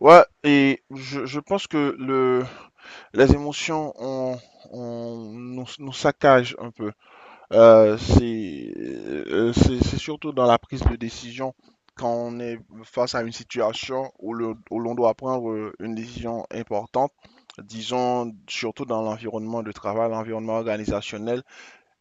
Ouais, et je pense que les émotions nous saccagent un peu. C'est surtout dans la prise de décision quand on est face à une situation où l'on doit prendre une décision importante, disons surtout dans l'environnement de travail, l'environnement organisationnel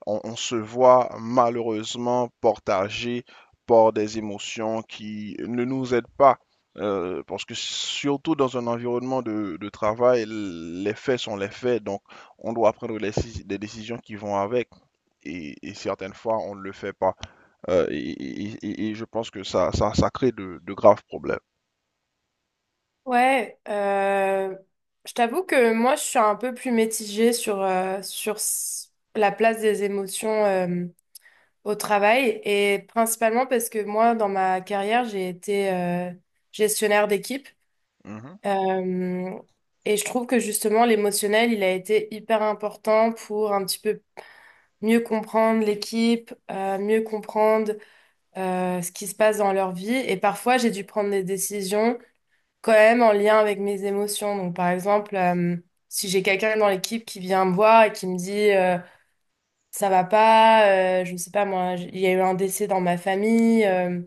on se voit malheureusement partagé par des émotions qui ne nous aident pas. Parce que surtout dans un environnement de travail, les faits sont les faits, donc on doit des décisions qui vont avec, et certaines fois on ne le fait pas. Je pense que ça crée de graves problèmes. Ouais, euh, je t'avoue que moi je suis un peu plus mitigée sur, sur la place des émotions au travail, et principalement parce que moi dans ma carrière j'ai été gestionnaire d'équipe. Mhm, Euh, et je trouve que justement l'émotionnel il a été hyper important pour un petit peu mieux comprendre l'équipe, mieux comprendre ce qui se passe dans leur vie, et parfois j'ai dû prendre des décisions quand même en lien avec mes émotions. Donc, par exemple, si j'ai quelqu'un dans l'équipe qui vient me voir et qui me dit ça va pas, je sais pas moi, il y a eu un décès dans ma famille,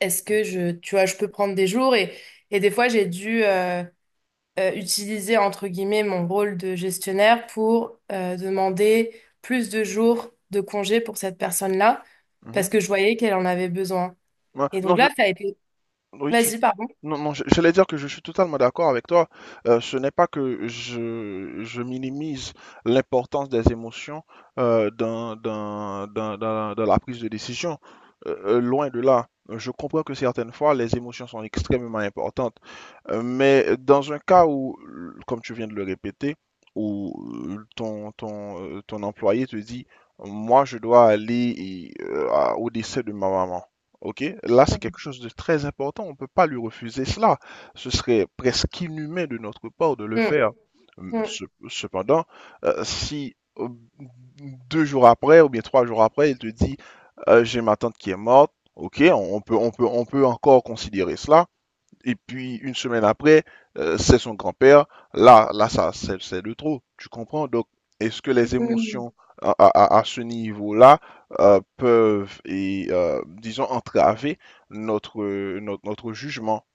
est-ce que je, tu vois, je peux prendre des jours, et des fois j'ai dû utiliser entre guillemets mon rôle de gestionnaire pour demander plus de jours de congé pour cette personne-là, mhm. parce que je voyais qu'elle en avait besoin. Ouais. Et donc Non, je... là, ça a été. Oui, tu... Vas-y, pardon. Non, non, j'allais dire que je suis totalement d'accord avec toi. Ce n'est pas que je minimise l'importance des émotions dans la prise de décision. Loin de là. Je comprends que certaines fois, les émotions sont extrêmement importantes. Mais dans un cas où, comme tu viens de le répéter, où ton employé te dit, moi, je dois aller au décès de ma maman. OK? Là, c'est quelque chose de très important. On ne peut pas lui refuser cela. Ce serait presque inhumain de notre part de le Mm, faire. Hum, mm, ce- Cependant, si deux jours après ou bien trois jours après, il te dit, j'ai ma tante qui est morte, OK, on peut, on peut encore considérer cela. Et puis une semaine après, c'est son grand-père. Ça, c'est de trop. Tu comprends? Donc, est-ce que les mm. émotions à, à- ce niveau-là peuvent, disons, entraver notre jugement?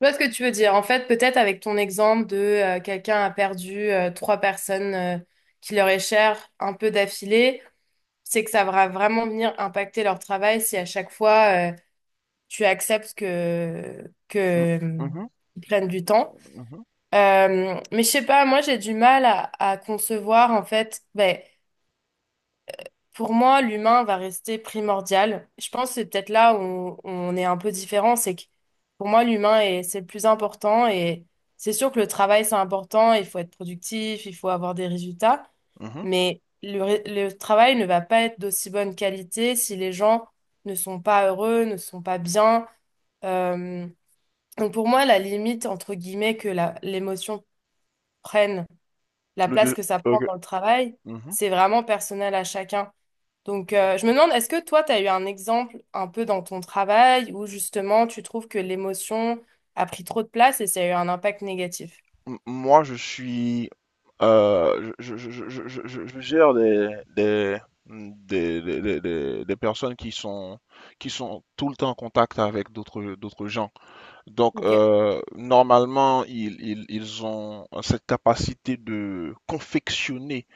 Je vois ce que tu veux dire. En fait, peut-être avec ton exemple de quelqu'un a perdu trois personnes qui leur est chère un peu d'affilée, c'est que ça va vraiment venir impacter leur travail si à chaque fois tu acceptes que Mhm, mhm, ils prennent du temps. Mais je sais pas, moi j'ai du mal à concevoir en fait. Ben, pour moi, l'humain va rester primordial. Je pense que c'est peut-être là où on est un peu différent, c'est que pour moi, l'humain est, c'est le plus important, et c'est sûr que le travail, c'est important, il faut être productif, il faut avoir des résultats, mhm, mhm. mais le, le travail ne va pas être d'aussi bonne qualité si les gens ne sont pas heureux, ne sont pas bien. Euh, donc pour moi, la limite, entre guillemets, que l'émotion prenne, la Le place deux. que ça prend Ok. dans le travail, Mhm. c'est vraiment personnel à chacun. Donc, je me demande, est-ce que toi, tu as eu un exemple un peu dans ton travail où justement tu trouves que l'émotion a pris trop de place et ça a eu un impact négatif? Moi, je suis, je gère des, des personnes qui sont tout le temps en contact avec d'autres gens. Donc, Ok. Normalement, ils ont cette capacité de confectionner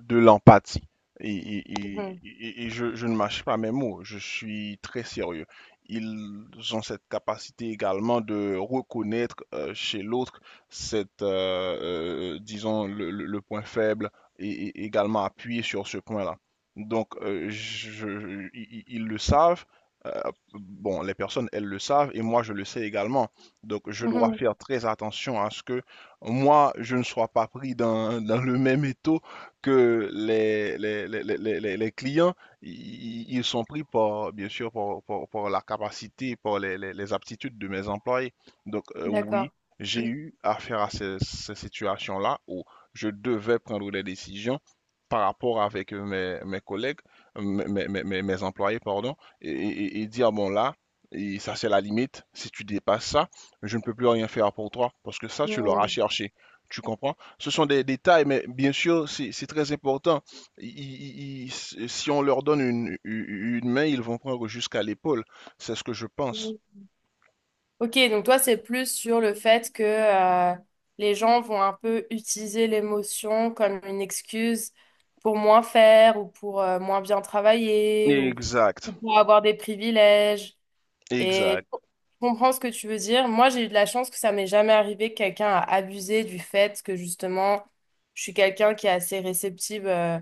de l'empathie. Et, et- et- Mhm. et- et je ne mâche pas mes mots, je suis très sérieux. Ils ont cette capacité également de reconnaître chez l'autre disons, le point faible et également appuyer sur ce point-là. Donc, ils le savent. Euh, bon, les personnes, elles le savent et moi, je le sais également. Donc, je dois Mhm. faire très attention à ce que moi, je ne sois pas pris dans, dans le même étau que les clients. Ils sont pris par, bien sûr, par la capacité, par les aptitudes de mes employés. Donc, oui, D'accord. j'ai eu affaire à ces situations-là où je devais prendre des décisions par rapport avec mes collègues, mes employés, pardon, et dire, bon là, et ça c'est la limite, si tu dépasses ça, je ne peux plus rien faire pour toi, parce que ça, tu l'auras Mhm. cherché. Tu comprends? Ce sont des détails, mais bien sûr, c'est très important. Ils- Si on leur donne une main, ils vont prendre jusqu'à l'épaule. C'est ce que je pense. Mhm. Ok, donc toi, c'est plus sur le fait que les gens vont un peu utiliser l'émotion comme une excuse pour moins faire, ou pour moins bien travailler, Exact, ou pour avoir des privilèges. Et exact. je comprends ce que tu veux dire. Moi, j'ai eu de la chance que ça m'est jamais arrivé que quelqu'un a abusé du fait que justement, je suis quelqu'un qui est assez réceptive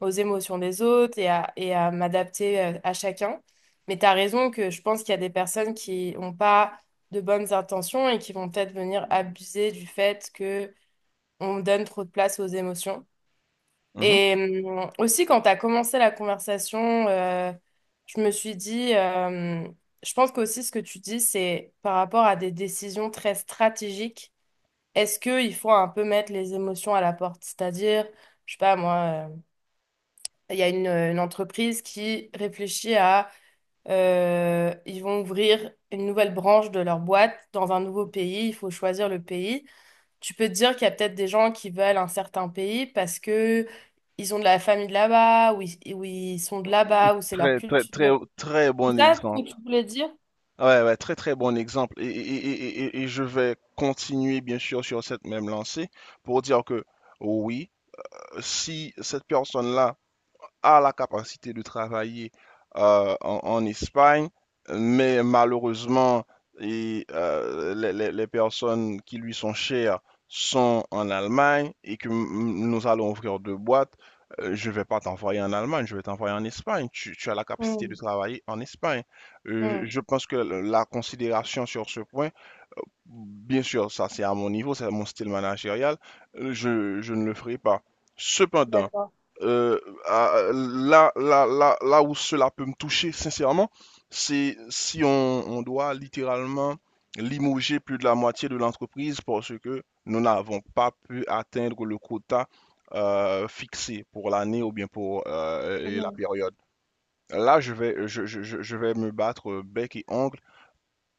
aux émotions des autres, et à m'adapter à chacun. Mais tu as raison que je pense qu'il y a des personnes qui n'ont pas de bonnes intentions et qui vont peut-être venir abuser du fait que on donne trop de place aux émotions. Mhm. Et aussi, quand tu as commencé la conversation, je me suis dit, je pense qu'aussi ce que tu dis, c'est par rapport à des décisions très stratégiques, est-ce qu'il faut un peu mettre les émotions à la porte? C'est-à-dire, je sais pas, moi, il y a une entreprise qui réfléchit à, ils vont ouvrir une nouvelle branche de leur boîte dans un nouveau pays, il faut choisir le pays. Tu peux te dire qu'il y a peut-être des gens qui veulent un certain pays parce que ils ont de la famille de là-bas, ou ils sont de là-bas, ou c'est leur Très, très, très, culture. très C'est bon ça ce que exemple. tu voulais dire? Ouais, ouais, très, très bon exemple. Et je vais continuer, bien sûr, sur cette même lancée pour dire que oui. Si cette personne-là a la capacité de travailler en Espagne, mais malheureusement, les personnes qui lui sont chères sont en Allemagne et que nous allons ouvrir deux boîtes, je ne vais pas t'envoyer en Allemagne, je vais t'envoyer en Espagne. Tu as la capacité de Hmm, travailler en Espagne. Hmm, Je pense que la considération sur ce point, bien sûr, ça c'est à mon niveau, c'est mon style managérial, je ne le ferai pas. Cependant, d'accord. euh, là où cela peut me toucher, sincèrement, c'est si on doit littéralement limoger plus de la moitié de l'entreprise parce que nous n'avons pas pu atteindre le quota fixé pour l'année ou bien pour la Hmm, période. Là, je vais me battre bec et ongle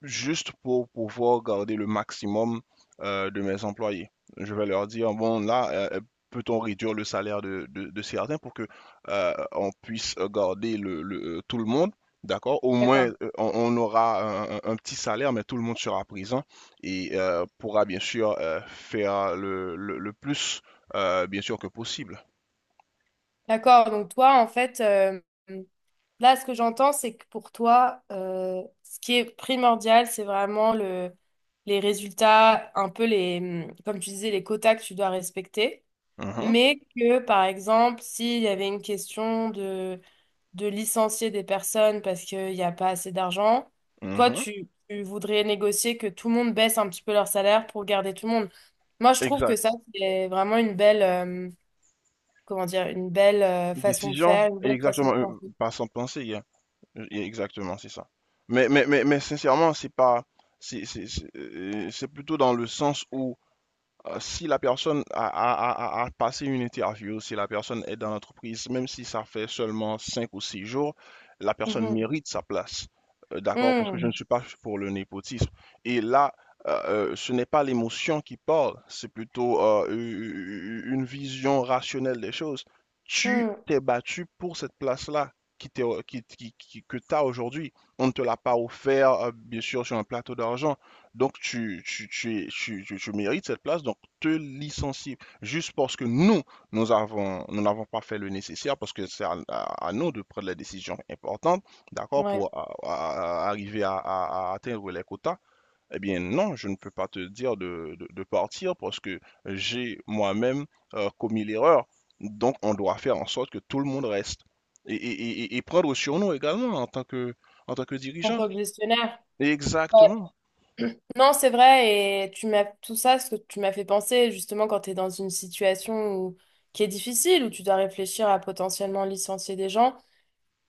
juste pour pouvoir garder le maximum de mes employés. Je vais leur dire, bon, là, euh, peut-on réduire le salaire de certains pour que on puisse garder tout le monde, d'accord? Au moins, d'accord. On aura un petit salaire, mais tout le monde sera présent et pourra bien sûr faire le plus, bien sûr, que possible. D'accord. Donc toi, en fait, là, ce que j'entends, c'est que pour toi, ce qui est primordial, c'est vraiment le, les résultats, un peu les, comme tu disais, les quotas que tu dois respecter. Mhm, Mais que, par exemple, s'il y avait une question de licencier des personnes parce qu'il n'y a pas assez d'argent. Toi, mhm. tu voudrais négocier que tout le monde baisse un petit peu leur salaire pour garder tout le monde. Moi, je trouve que Exact. ça, c'est vraiment une belle, comment dire, une belle façon de Décision, faire, une belle façon exactement, de penser. pas sans penser, hein. Exactement, c'est ça. Mais sincèrement, c'est pas, c'est plutôt dans le sens où si la personne a passé une interview, si la personne est dans l'entreprise, même si ça fait seulement 5 ou 6 jours, la personne Mhm. mérite sa place. D'accord? Parce que je ne Mhm. suis pas pour le népotisme. Et là, euh, ce n'est pas l'émotion qui parle, c'est plutôt une vision rationnelle des choses. Tu Mhm. t'es battu pour cette place-là qui t'est- qui- que tu as aujourd'hui. On ne te l'a pas offert, bien sûr, sur un plateau d'argent. Donc, tu, es- tu- tu mérites cette place, donc te licencier juste parce que nous n'avons pas fait le nécessaire parce que c'est à nous de prendre les décisions importantes, d'accord, pour Ouais. Arriver à atteindre les quotas. Eh bien, non, je ne peux pas te dire de partir parce que j'ai moi-même commis l'erreur. Donc, on doit faire en sorte que tout le monde reste et prendre sur nous également en tant que En dirigeant. tant que gestionnaire. Ouais. Exactement, Non, c'est vrai, et tu m'as tout ça, ce que tu m'as fait penser, justement, quand tu es dans une situation qui est difficile, où tu dois réfléchir à potentiellement licencier des gens.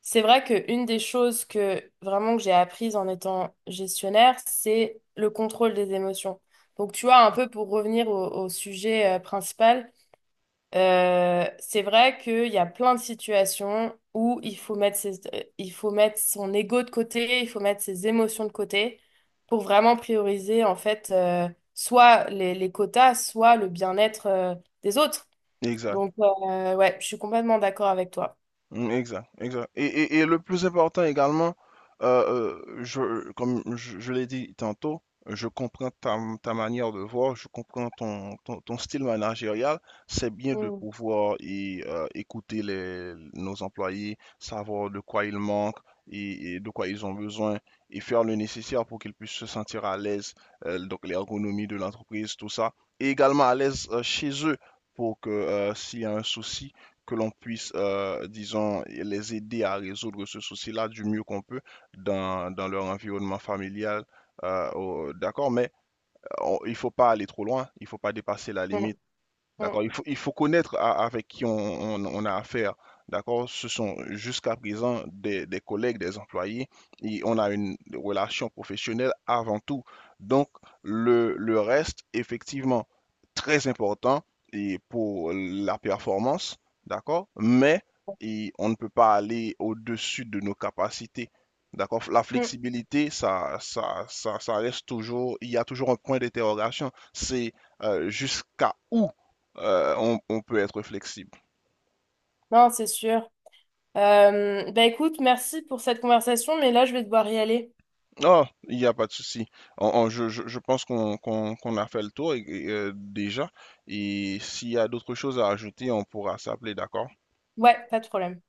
C'est vrai qu'une des choses que vraiment que j'ai apprises en étant gestionnaire, c'est le contrôle des émotions. Donc, tu vois, un peu pour revenir au, au sujet principal, c'est vrai qu'il y a plein de situations où il faut mettre il faut mettre son ego de côté, il faut mettre ses émotions de côté pour vraiment prioriser, en fait, soit les quotas, soit le bien-être, des autres. exact. Donc, ouais, je suis complètement d'accord avec toi. Mm, exact, exact. Et le plus important également, comme je l'ai dit tantôt, je comprends ta manière de voir, je comprends ton style managérial. C'est bien de Mm, pouvoir y, écouter les, nos employés, savoir de quoi ils manquent et de quoi ils ont besoin et faire le nécessaire pour qu'ils puissent se sentir à l'aise, donc l'ergonomie de l'entreprise, tout ça. Et également à l'aise chez eux pour que s'il y a un souci, que l'on puisse, disons, les aider à résoudre ce souci-là du mieux qu'on peut dans, dans leur environnement familial. D'accord, mais il ne faut pas aller trop loin, il ne faut pas dépasser la mm, limite. mm, D'accord, il faut connaître avec qui on a affaire. D'accord, ce sont jusqu'à présent des collègues, des employés, et on a une relation professionnelle avant tout. Donc, le reste, effectivement, très important et pour la performance, d'accord, mais on ne peut pas aller au-dessus de nos capacités. D'accord, la mm. flexibilité, ça reste toujours, il y a toujours un point d'interrogation, c'est jusqu'à où on peut être flexible. Non, c'est sûr. Bah écoute, merci pour cette conversation, mais là, je vais devoir y aller. Non, il n'y a pas de souci. Je pense qu'on a fait le tour déjà. Et s'il y a d'autres choses à ajouter, on pourra s'appeler, d'accord? Ouais, pas de problème.